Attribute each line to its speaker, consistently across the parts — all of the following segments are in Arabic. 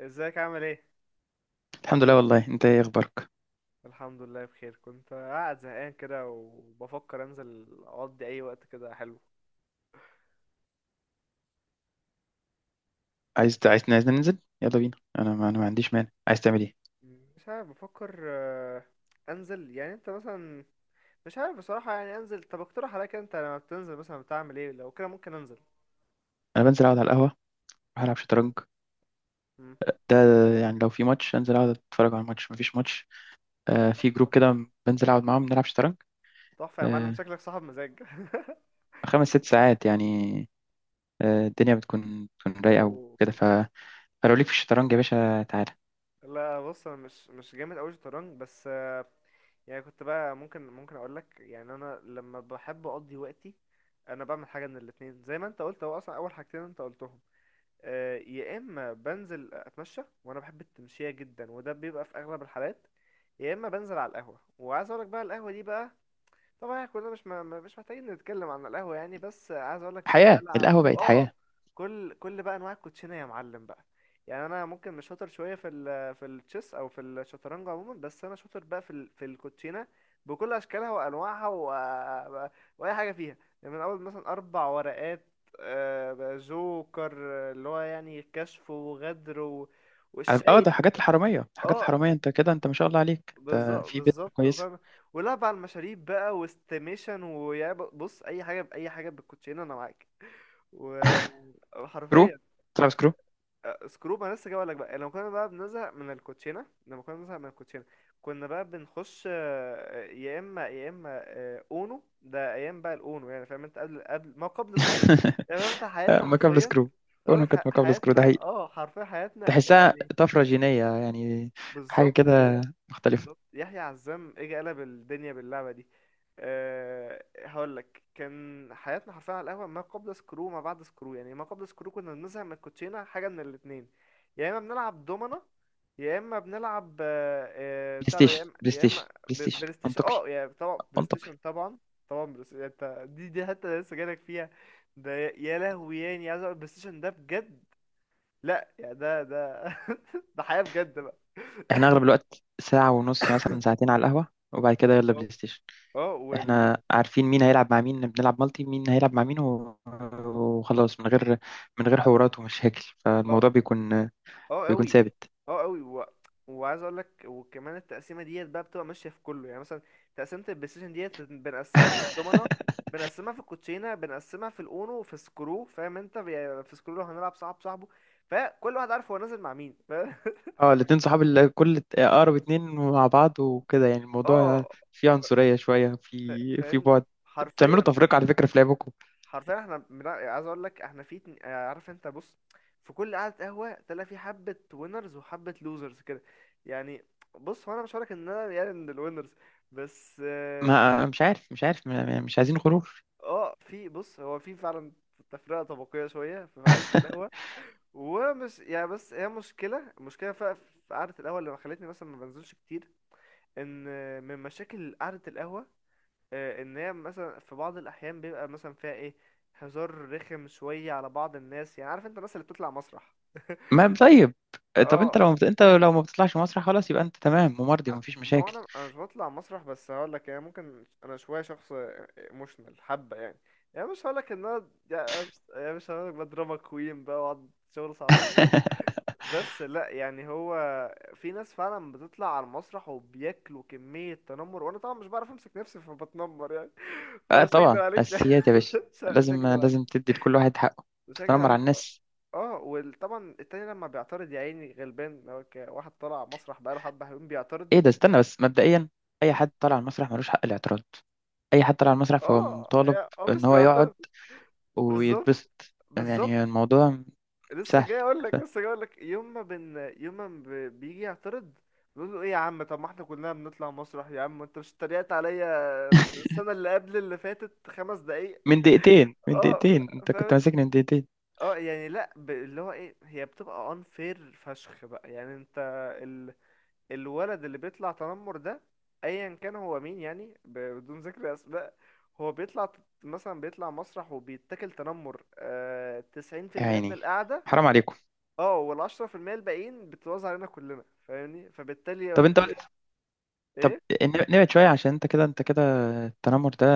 Speaker 1: ازيك؟ عامل ايه؟
Speaker 2: الحمد لله، والله انت ايه اخبارك؟
Speaker 1: الحمد لله، بخير. كنت قاعد زهقان كده وبفكر انزل اقضي اي وقت كده حلو.
Speaker 2: عايزنا ننزل، يلا بينا. انا ما عنديش مانع، عايز تعمل ايه؟
Speaker 1: مش عارف، بفكر. انزل يعني انت مثلا. مش عارف بصراحة، يعني انزل. طب اقترح عليك، انت لما بتنزل مثلا بتعمل ايه؟ لو كده ممكن انزل.
Speaker 2: انا بنزل اقعد على القهوه، اروح العب شطرنج.
Speaker 1: مم.
Speaker 2: ده يعني لو في ماتش انزل اقعد اتفرج على الماتش. مفيش ماتش. آه، في جروب كده بنزل اقعد معاهم نلعب شطرنج.
Speaker 1: تحفة يا معلم،
Speaker 2: آه،
Speaker 1: شكلك صاحب مزاج.
Speaker 2: 5 6 ساعات يعني. آه، الدنيا بتكون رايقه
Speaker 1: اوه.
Speaker 2: وكده فلو ليك في الشطرنج يا باشا تعالى.
Speaker 1: لا بص، انا مش جامد قوي شطرنج، بس يعني كنت بقى ممكن اقول لك، يعني انا لما بحب اقضي وقتي. انا بعمل حاجه من الاتنين، زي ما انت قلت هو اصلا اول حاجتين انت قلتهم. يا اما بنزل اتمشى وانا بحب التمشيه جدا، وده بيبقى في اغلب الحالات. يا اما بنزل على القهوه، وعايز اقول لك بقى القهوه دي بقى. طبعا احنا كلنا مش محتاجين نتكلم عن القهوة يعني، بس عايز اقول لك.
Speaker 2: حياه
Speaker 1: بلعب،
Speaker 2: القهوه بقت
Speaker 1: اه.
Speaker 2: حياه.
Speaker 1: كل بقى انواع الكوتشينة يا معلم بقى. يعني انا ممكن مش شاطر شوية في في التشيس او في الشطرنج عموما، بس انا شاطر بقى في في الكوتشينة بكل اشكالها وانواعها واي حاجة فيها. يعني من اول مثلا اربع ورقات، جوكر، اللي هو يعني كشف وغدر
Speaker 2: اه،
Speaker 1: والشاي.
Speaker 2: ده حاجات الحراميه حاجات
Speaker 1: اه،
Speaker 2: الحراميه، انت كده، انت ما شاء الله عليك، انت
Speaker 1: بالظبط
Speaker 2: في بيت
Speaker 1: بالظبط،
Speaker 2: كويس.
Speaker 1: فاهم. ولعب على المشاريب بقى واستيميشن، بص اي حاجه باي حاجه بالكوتشينه انا معاك. و-
Speaker 2: كرو،
Speaker 1: وحرفيا.
Speaker 2: تلعب سكرو.
Speaker 1: سكروب انا لسه جاي لك بقى. لما كنا بنزهق من الكوتشينه كنا بقى بنخش، يا اما اونو. ده ايام بقى الاونو، يعني فاهم انت قبل ما قبل سكروب. يعني فاهم انت، حياتنا
Speaker 2: مكابل
Speaker 1: حرفيا.
Speaker 2: سكرو،
Speaker 1: اقول
Speaker 2: كونه
Speaker 1: لك
Speaker 2: كانت مكابل سكرو ده
Speaker 1: حياتنا
Speaker 2: حقيقي.
Speaker 1: اه حرفيا، حياتنا
Speaker 2: تحسها
Speaker 1: يعني.
Speaker 2: طفرة جينية يعني، حاجة
Speaker 1: بالظبط.
Speaker 2: كده مختلفة.
Speaker 1: بالظبط. يحيى عزام اجى قلب الدنيا باللعبه دي. أه، هقول لك كان حياتنا حرفيا على القهوه، ما قبل سكرو ما بعد سكرو. يعني ما قبل سكرو كنا بنزهق من الكوتشينه، حاجه من الاثنين. يا اما بنلعب دومنا، يا اما بنلعب
Speaker 2: بلاي
Speaker 1: بتاع ده، يا
Speaker 2: ستيشن
Speaker 1: اما
Speaker 2: بلاي
Speaker 1: يا
Speaker 2: ستيشن
Speaker 1: اما
Speaker 2: بلاي ستيشن،
Speaker 1: بلاي ستيشن.
Speaker 2: منطقي،
Speaker 1: اه يعني طبعا بلاي
Speaker 2: منطقي.
Speaker 1: ستيشن طبعا. طبعا بلاي ستيشن. انت دي حتى أنا لسه جايلك فيها. ده يا لهوي، يعني عايز اقول البلاي ستيشن ده بجد. لا يعني ده ده حياه بجد بقى.
Speaker 2: احنا أغلب الوقت ساعة ونص، مثلا ساعتين على القهوة، وبعد كده يلا بلاي ستيشن.
Speaker 1: اه
Speaker 2: احنا عارفين مين هيلعب مع مين، بنلعب مالتي، مين هيلعب مع مين و- وخلاص، من غير حوارات ومشاكل،
Speaker 1: اه،
Speaker 2: فالموضوع بيكون
Speaker 1: اه
Speaker 2: بيكون
Speaker 1: قوي.
Speaker 2: ثابت.
Speaker 1: اه قوي وعايز اقول لك، وكمان التقسيمه ديت بقى بتبقى ماشيه في كله، يعني مثلا تقسيمه البلاي ستيشن ديت بنقسمها في الدومنه، بنقسمها في الكوتشينه، بنقسمها في الاونو، في سكرو. فاهم انت؟ يعني في سكرو لو هنلعب صاحب صاحبه فكل واحد عارف هو نازل مع مين
Speaker 2: اه، الاتنين صحاب، اللي كل اقرب اتنين مع بعض وكده، يعني الموضوع
Speaker 1: اه.
Speaker 2: فيه
Speaker 1: ف...
Speaker 2: عنصرية شوية في
Speaker 1: فاهمني.
Speaker 2: بعد. بتعملوا
Speaker 1: حرفيا.
Speaker 2: تفرقة على فكرة في لعبكم.
Speaker 1: حرفيا احنا عايز اقول لك احنا عارف انت، بص. في كل قعدة قهوة تلاقي في حبة وينرز وحبة لوزرز كده، يعني. بص، هو انا مش هقولك ان انا يعني من الوينرز، بس اه.
Speaker 2: ما، مش عارف، مش عايزين خروج.
Speaker 1: في بص هو في فعلا تفرقة طبقية شوية في قعدة القهوة. ومش يعني، بس هي مشكلة مشكلة في قعدة القهوة اللي خلتني مثلا ما بنزلش كتير. ان من مشاكل قعدة القهوة، ان هي مثلا في بعض الاحيان بيبقى مثلا فيها ايه، هزار رخم شويه على بعض الناس، يعني عارف انت الناس اللي بتطلع مسرح.
Speaker 2: ما طيب. طب،
Speaker 1: اه.
Speaker 2: انت لو ما بتطلعش مسرح خلاص، يبقى انت تمام ومرضي ومفيش
Speaker 1: ما هو
Speaker 2: مشاكل.
Speaker 1: انا مش بطلع مسرح، بس هقول لك يعني ممكن انا شويه شخص ايموشنال حبه يعني. يعني مش هقول لك ان انا، يعني مش هقول لك بضربك كوين بقى واقعد شغل صعبانيات. بس لا يعني هو، في ناس فعلا بتطلع على المسرح وبياكلوا كميه تنمر، وانا طبعا مش بعرف امسك نفسي فبتنمر يعني.
Speaker 2: اه،
Speaker 1: فمش هكدب
Speaker 2: طبعا
Speaker 1: عليك يعني.
Speaker 2: اساسيات يا باشا.
Speaker 1: مش
Speaker 2: لازم
Speaker 1: هكدب عليك.
Speaker 2: لازم تدي لكل واحد حقه.
Speaker 1: مش هكدب
Speaker 2: تتنمر
Speaker 1: عليك،
Speaker 2: على
Speaker 1: اه.
Speaker 2: الناس؟
Speaker 1: وطبعا التاني لما بيعترض يا عيني غلبان، لو واحد طلع مسرح بقاله حبة حلوين بيعترض.
Speaker 2: ايه ده؟ استنى بس، مبدئيا اي
Speaker 1: مم.
Speaker 2: حد طالع على المسرح ملوش حق الاعتراض. اي حد طالع على المسرح فهو
Speaker 1: اه،
Speaker 2: مطالب
Speaker 1: اه،
Speaker 2: ان
Speaker 1: مش
Speaker 2: هو يقعد
Speaker 1: بيعترض. بالظبط،
Speaker 2: ويتبسط، يعني
Speaker 1: بالظبط.
Speaker 2: الموضوع
Speaker 1: لسه
Speaker 2: سهل.
Speaker 1: جاي اقول لك لسه جاي اقول لك يوم ما بيجي يعترض، بيقول له ايه يا عم، طب ما احنا كلنا بنطلع مسرح يا عم، انت مش اتريقت عليا السنه اللي قبل اللي فاتت 5 دقايق؟
Speaker 2: من دقيقتين، من
Speaker 1: اه،
Speaker 2: دقيقتين انت كنت
Speaker 1: فاهم.
Speaker 2: ماسكني من دقيقتين.
Speaker 1: اه يعني لا اللي هو ايه، هي بتبقى unfair فشخ بقى، يعني انت الولد اللي بيطلع تنمر ده، ايا كان هو مين، يعني بدون ذكر اسماء، هو مثلا بيطلع مسرح وبيتاكل تنمر، تسعين في
Speaker 2: يا
Speaker 1: المية من
Speaker 2: عيني،
Speaker 1: القعدة.
Speaker 2: حرام عليكم.
Speaker 1: اه، و10% الباقيين بتتوزع علينا كلنا، فاهمني، فبالتالي هو
Speaker 2: طب انت قلت، طب
Speaker 1: ايه،
Speaker 2: ن- نبعد شوية، عشان انت كده، انت كده، التنمر ده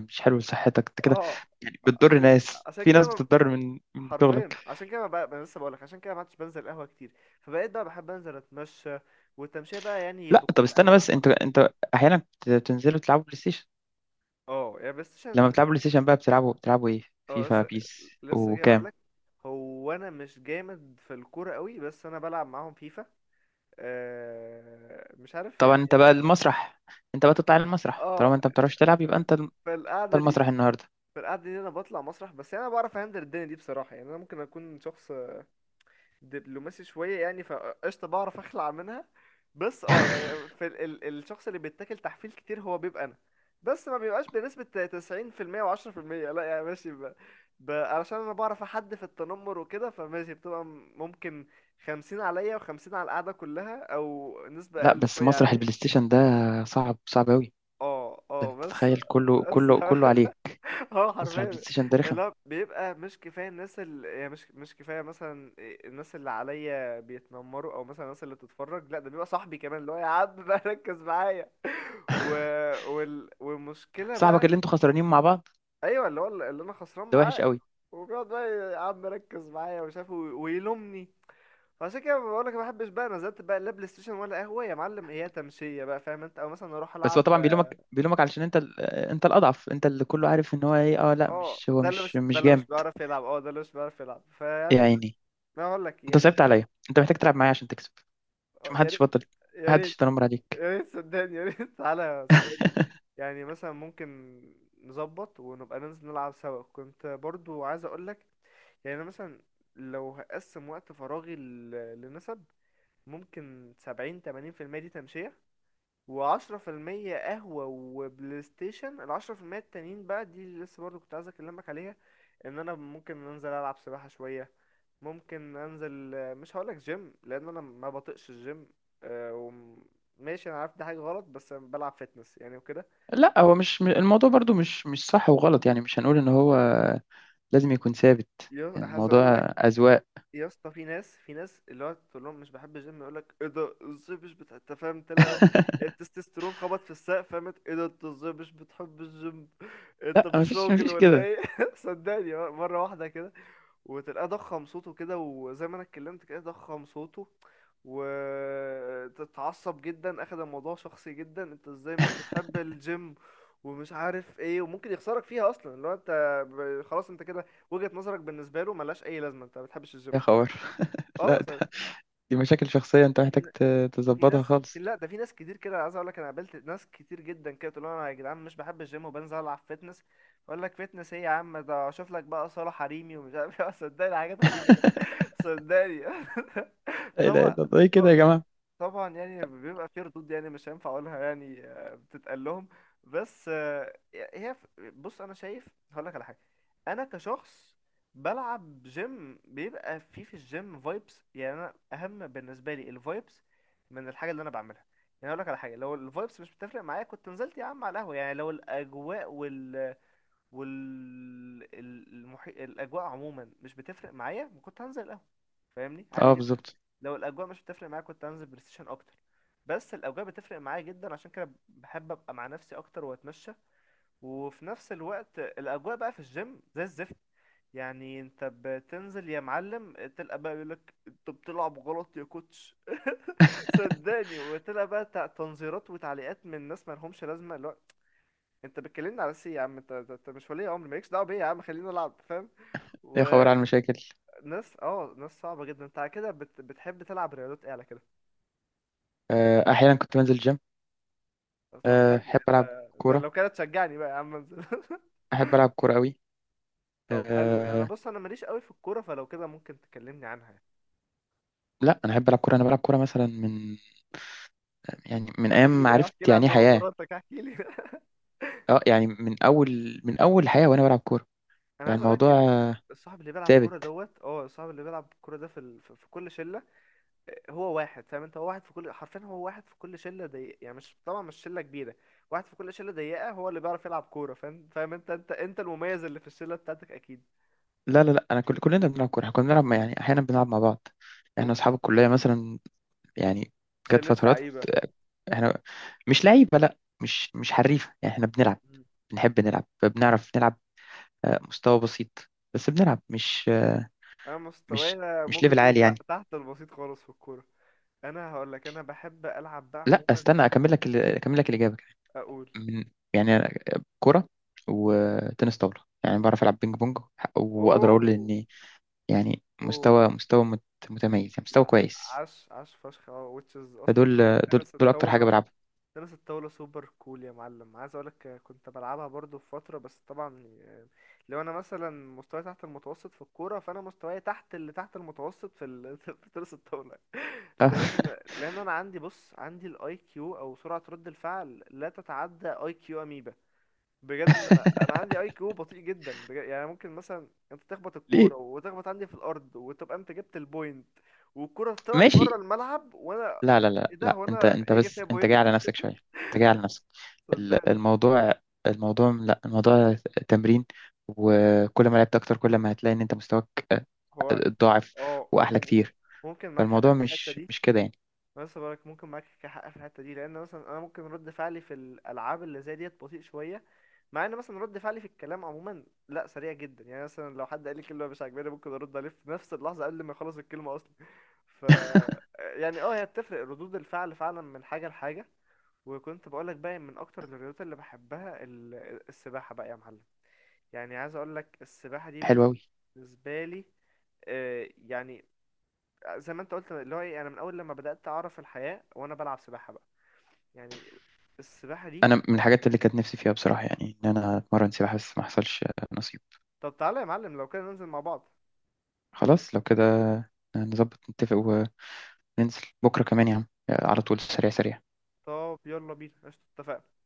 Speaker 2: مش حلو لصحتك انت كده.
Speaker 1: اه،
Speaker 2: يعني بتضر
Speaker 1: عشان
Speaker 2: ناس،
Speaker 1: عشان
Speaker 2: في
Speaker 1: كده
Speaker 2: ناس
Speaker 1: ما...
Speaker 2: بتتضرر من
Speaker 1: حرفيا
Speaker 2: شغلك.
Speaker 1: عشان كده ما أنا لسه بقولك عشان كده ما عدتش بنزل القهوة كتير. فبقيت بقى بحب انزل اتمشى، والتمشية بقى يعني
Speaker 2: لا طب
Speaker 1: بكل
Speaker 2: استنى بس،
Speaker 1: انواعها
Speaker 2: انت
Speaker 1: برضه.
Speaker 2: انت احيانا بتنزلوا تلعبوا بلاي ستيشن؟
Speaker 1: اه يعني بلاي
Speaker 2: لما
Speaker 1: ستيشن.
Speaker 2: بتلعبوا بلاي ستيشن بقى، بتلعبوا ايه،
Speaker 1: اه،
Speaker 2: فيفا،
Speaker 1: لسه
Speaker 2: بيس
Speaker 1: لسه جاي اقول
Speaker 2: وكام؟
Speaker 1: لك. هو انا مش جامد في الكوره قوي، بس انا بلعب معاهم فيفا. مش عارف
Speaker 2: طبعا
Speaker 1: يعني.
Speaker 2: انت بقى المسرح، انت بقى تطلع المسرح
Speaker 1: اه،
Speaker 2: طالما انت ما بتعرفش تلعب،
Speaker 1: في
Speaker 2: يبقى
Speaker 1: في
Speaker 2: انت
Speaker 1: القعده دي.
Speaker 2: المسرح النهارده.
Speaker 1: في القعده دي انا بطلع مسرح، بس يعني انا بعرف اهندل الدنيا دي بصراحه، يعني انا ممكن اكون شخص دبلوماسي شويه يعني، فقشطه بعرف اخلع منها. بس اه يعني في ال ال الشخص اللي بيتاكل تحفيل كتير هو بيبقى انا. بس ما بيبقاش بنسبه 90% و10%. لا يعني ماشي علشان انا بعرف احد في التنمر وكده، فماشي بتبقى ممكن 50 عليا و50 على القعده كلها، او نسبه
Speaker 2: لا
Speaker 1: اقل
Speaker 2: بس
Speaker 1: شويه
Speaker 2: مسرح
Speaker 1: عليا.
Speaker 2: البلاي ستيشن ده صعب صعب قوي.
Speaker 1: اه،
Speaker 2: ده
Speaker 1: اه،
Speaker 2: انت
Speaker 1: بس.
Speaker 2: تتخيل كله
Speaker 1: بس.
Speaker 2: كله كله عليك.
Speaker 1: اه،
Speaker 2: مسرح البلاي
Speaker 1: حرفيا.
Speaker 2: ستيشن ده رخم.
Speaker 1: لا بيبقى مش كفايه الناس، اللي يعني مش كفايه مثلا الناس اللي عليا بيتنمروا او مثلا الناس اللي بتتفرج، لا ده بيبقى صاحبي كمان اللي هو يا عم بقى ركز معايا. و... والمشكله
Speaker 2: صاحبك
Speaker 1: بقى،
Speaker 2: اللي انتوا خسرانين مع بعض
Speaker 1: ايوه، اللي هو اللي انا خسران
Speaker 2: ده وحش
Speaker 1: معاه.
Speaker 2: قوي.
Speaker 1: وبيقعد بقى يا عم ركز معايا ومش عارف، ويلومني. فعشان كده بقول لك ما بحبش بقى، نزلت بقى لا بلاي ستيشن ولا قهوه يا معلم، هي تمشيه بقى فاهم انت، او مثلا اروح
Speaker 2: بس هو
Speaker 1: العب.
Speaker 2: طبعا بيلومك بيلومك علشان انت الاضعف، انت اللي كله عارف ان هو ايه. اه لا،
Speaker 1: اه،
Speaker 2: مش هو مش
Speaker 1: ده
Speaker 2: مش
Speaker 1: اللي مش
Speaker 2: جامد.
Speaker 1: بيعرف يلعب، اه ده اللي مش بيعرف يلعب
Speaker 2: يا
Speaker 1: فيعني،
Speaker 2: عيني،
Speaker 1: ما اقول لك
Speaker 2: انت
Speaker 1: يعني.
Speaker 2: صعبت عليا، انت محتاج تلعب معايا عشان تكسب. مش
Speaker 1: يا
Speaker 2: محدش
Speaker 1: ريت.
Speaker 2: بطل.
Speaker 1: يا
Speaker 2: محدش
Speaker 1: ريت.
Speaker 2: يتنمر عليك.
Speaker 1: يا ريت صدقني، يا ريت. تعالى صدقني. يعني مثلا ممكن نظبط ونبقى ننزل نلعب سوا. كنت برضو عايز اقولك، يعني انا مثلا لو هقسم وقت فراغي لنسب، ممكن سبعين تمانين في المية دي تمشية، و10% قهوة وبلاي ستيشن. 10% التانيين بقى دي اللي لسه برضه كنت عايز أكلمك عليها، إن أنا ممكن أنزل ألعب سباحة شوية. ممكن أنزل، مش هقولك جيم، لأن أنا ما بطيقش الجيم. آه، وم- ماشي أنا عارف دي حاجة غلط، بس أنا بلعب فيتنس يعني وكده.
Speaker 2: لا، هو مش م- الموضوع برضو مش صح وغلط، يعني مش هنقول ان هو لازم يكون ثابت،
Speaker 1: عايز
Speaker 2: الموضوع
Speaker 1: أقولك،
Speaker 2: اذواق.
Speaker 1: يا اسطى، في ناس اللي هو تقول لهم مش بحب الجيم يقول لك ايه ده، ازاي مش بتحب؟ انت فاهم، تلاقي بقى التستوستيرون خبط في السقف. فهمت؟ ايه ده، انت ازاي مش بتحب الجيم؟ انت
Speaker 2: لا،
Speaker 1: مش
Speaker 2: مفيش
Speaker 1: راجل
Speaker 2: مفيش
Speaker 1: ولا
Speaker 2: كده.
Speaker 1: ايه؟ صدقني، مره واحده كده، وتلاقيه ضخم صوته كده، وزي ما انا اتكلمت كده، ضخم صوته، وتتعصب جدا، اخد الموضوع شخصي جدا، انت ازاي مش بتحب الجيم ومش عارف ايه، وممكن يخسرك فيها اصلا لو انت خلاص انت كده، وجهة نظرك بالنسبة له ملهاش أي لازمة، أنت ما بتحبش
Speaker 2: يا
Speaker 1: الجيم خلاص.
Speaker 2: خبر.
Speaker 1: أه،
Speaker 2: لا، دي مشاكل شخصية، انت
Speaker 1: في
Speaker 2: محتاج
Speaker 1: ن- في
Speaker 2: تظبطها
Speaker 1: ناس في
Speaker 2: خالص.
Speaker 1: لا ده في ناس كتير كده، عايز أقول لك أنا قابلت ناس كتير جدا كده تقول لهم أنا يا جدعان مش بحب الجيم وبنزل ألعب فيتنس، يقول لك فيتنس إيه يا عم، ده أشوف لك بقى صالة حريمي ومش عارف إيه، صدقني، حاجات غريبة كده. صدقني.
Speaker 2: لا اله
Speaker 1: طبعا.
Speaker 2: الا الله، ايه كده يا جماعة؟
Speaker 1: طبعا يعني بيبقى في ردود يعني مش هينفع اقولها يعني، بتتقال لهم. بس هي بص، انا شايف هقول لك على حاجه. انا كشخص بلعب جيم بيبقى في الجيم فايبس، يعني انا اهم بالنسبه لي الفايبس من الحاجه اللي انا بعملها. يعني اقول لك على حاجه، لو الفايبس مش بتفرق معايا كنت نزلت يا عم على القهوه. يعني لو الاجواء وال الاجواء عموما مش بتفرق معايا ما كنت هنزل القهوه، فاهمني، عادي
Speaker 2: اه
Speaker 1: جدا.
Speaker 2: بالظبط.
Speaker 1: لو الاجواء مش بتفرق معايا كنت هنزل بلاي ستيشن اكتر، بس الاجواء بتفرق معايا جدا، عشان كده بحب ابقى مع نفسي اكتر واتمشى. وفي نفس الوقت الاجواء بقى في الجيم زي الزفت. يعني انت بتنزل يا معلم تلقى بقى يقولك انت بتلعب غلط يا كوتش. صدقني، وتلقى بقى تنظيرات وتعليقات من ناس ما لهمش لازمه، اللي هو انت بتكلمني على سي يا عم، انت انت أنت مش ولي امر، مالكش دعوه بيا يا عم، خلينا نلعب، فاهم؟
Speaker 2: يا خبر
Speaker 1: وناس،
Speaker 2: على المشاكل.
Speaker 1: اه، ناس صعبه جدا. انت على كده بتحب تلعب رياضات ايه على كده؟
Speaker 2: آه، احيانا كنت بنزل جيم.
Speaker 1: طب
Speaker 2: آه،
Speaker 1: حلو.
Speaker 2: احب
Speaker 1: انت
Speaker 2: العب كورة.
Speaker 1: لو كده تشجعني بقى يا عم انزل.
Speaker 2: احب العب كورة قوي.
Speaker 1: طب حلو، يعني انا
Speaker 2: أه،
Speaker 1: بص انا ماليش قوي في الكوره، فلو كده ممكن تكلمني عنها يعني.
Speaker 2: لا انا احب العب كورة، انا بلعب كورة مثلا من ايام
Speaker 1: احكي
Speaker 2: ما
Speaker 1: لي،
Speaker 2: عرفت
Speaker 1: احكي لي عن
Speaker 2: يعني ايه حياة.
Speaker 1: مغامراتك، احكي لي.
Speaker 2: اه يعني من اول حياة وانا بلعب كورة.
Speaker 1: انا
Speaker 2: يعني
Speaker 1: عايز
Speaker 2: الموضوع
Speaker 1: اقولك،
Speaker 2: ثابت.
Speaker 1: الصاحب اللي بيلعب كوره ده في ال... في في كل شله، هو واحد فاهم انت، هو واحد في كل، حرفيا هو واحد في كل شله ضيقه، يعني مش طبعا مش شله كبيره. واحد في كل شله ضيقه هو اللي بيعرف يلعب كوره، فاهم؟ فاهم انت، انت المميز اللي في الشله بتاعتك اكيد.
Speaker 2: لا لا لا، انا كلنا بنلعب كورة، احنا كنا بنلعب، يعني احيانا بنلعب مع بعض، احنا
Speaker 1: اوف،
Speaker 2: اصحاب الكلية مثلا، يعني جت
Speaker 1: شله
Speaker 2: فترات.
Speaker 1: لعيبه.
Speaker 2: احنا مش لعيبة، لا مش حريفة يعني، احنا بنلعب، بنحب نلعب، بنعرف نلعب. آه، مستوى بسيط بس بنلعب، مش آه،
Speaker 1: انا
Speaker 2: مش
Speaker 1: مستواي
Speaker 2: مش
Speaker 1: ممكن
Speaker 2: ليفل
Speaker 1: تقول
Speaker 2: عالي يعني.
Speaker 1: تحت البسيط خالص في الكوره. انا هقول لك، انا بحب العب بقى
Speaker 2: لا،
Speaker 1: عموما.
Speaker 2: استنى اكمل لك الإجابة.
Speaker 1: اقول.
Speaker 2: من يعني أنا، كرة
Speaker 1: م؟
Speaker 2: وتنس طاولة، يعني بعرف العب بينج بونج، واقدر اقول
Speaker 1: اوه.
Speaker 2: اني يعني
Speaker 1: اوه،
Speaker 2: مستوى متميز يعني، مستوى
Speaker 1: لا،
Speaker 2: كويس.
Speaker 1: عاش عاش فشخ، اه، وتشز اصلا.
Speaker 2: فدول، دول
Speaker 1: تنس
Speaker 2: دول اكتر حاجة
Speaker 1: الطاوله.
Speaker 2: بلعبها.
Speaker 1: تنس الطاولة سوبر كول يا معلم، عايز اقولك كنت بلعبها برضو في فترة، بس طبعا لو انا مثلا مستواي تحت المتوسط في الكورة، فانا مستواي تحت اللي تحت المتوسط في تنس الطاولة.
Speaker 2: آه،
Speaker 1: لان انا عندي، بص عندي، الاي كيو او سرعة رد الفعل لا تتعدى اي كيو اميبا. بجد، انا عندي اي كيو بطيء جدا بجد. يعني ممكن مثلا انت تخبط
Speaker 2: ليه؟
Speaker 1: الكورة وتخبط عندي في الارض وتبقى انت جبت البوينت، والكرة طلعت بره
Speaker 2: ماشي.
Speaker 1: الملعب وانا،
Speaker 2: لا لا لا
Speaker 1: ايه ده،
Speaker 2: لا،
Speaker 1: هو
Speaker 2: انت
Speaker 1: انا
Speaker 2: انت
Speaker 1: اجي
Speaker 2: بس
Speaker 1: فيها
Speaker 2: انت جاي
Speaker 1: بوينت؟
Speaker 2: على نفسك شويه. انت جاي على نفسك. ال-
Speaker 1: صدقني.
Speaker 2: الموضوع الموضوع، لا، الموضوع تمرين. وكل ما لعبت اكتر كل ما هتلاقي ان انت مستواك
Speaker 1: هو،
Speaker 2: اتضاعف،
Speaker 1: اه، انت
Speaker 2: واحلى كتير.
Speaker 1: ممكن معاك حق
Speaker 2: فالموضوع
Speaker 1: في الحته
Speaker 2: مش
Speaker 1: دي.
Speaker 2: مش كده يعني.
Speaker 1: أنا لسه بقولك ممكن معاك حق في الحته دي، لان مثلا انا ممكن رد فعلي في الالعاب اللي زي ديت بطيء شويه، مع ان مثلا رد فعلي في الكلام عموما لا، سريع جدا. يعني مثلا لو حد قال لي كلمه مش عاجباني ممكن ارد عليه في نفس اللحظه قبل ما يخلص الكلمه اصلا. ف يعني اه هي بتفرق ردود الفعل فعلا من حاجه لحاجه. وكنت بقولك بقى من اكتر الرياضات اللي بحبها السباحه بقى يا معلم. يعني عايز اقولك السباحه دي
Speaker 2: حلو قوي.
Speaker 1: بالنسبه لي، يعني زي ما انت قلت اللي هو ايه، انا من اول لما بدأت اعرف الحياة وانا بلعب سباحة بقى، يعني السباحة دي.
Speaker 2: انا من الحاجات اللي كانت نفسي فيها بصراحه، يعني ان انا اتمرن سباحه، بس ما حصلش نصيب.
Speaker 1: طب تعالى يا معلم لو كده ننزل مع بعض.
Speaker 2: خلاص لو كده، نظبط نتفق وننزل. بكره كمان يا عم، على طول، سريع سريع.
Speaker 1: طب يلا بينا، قشطة، اتفقنا.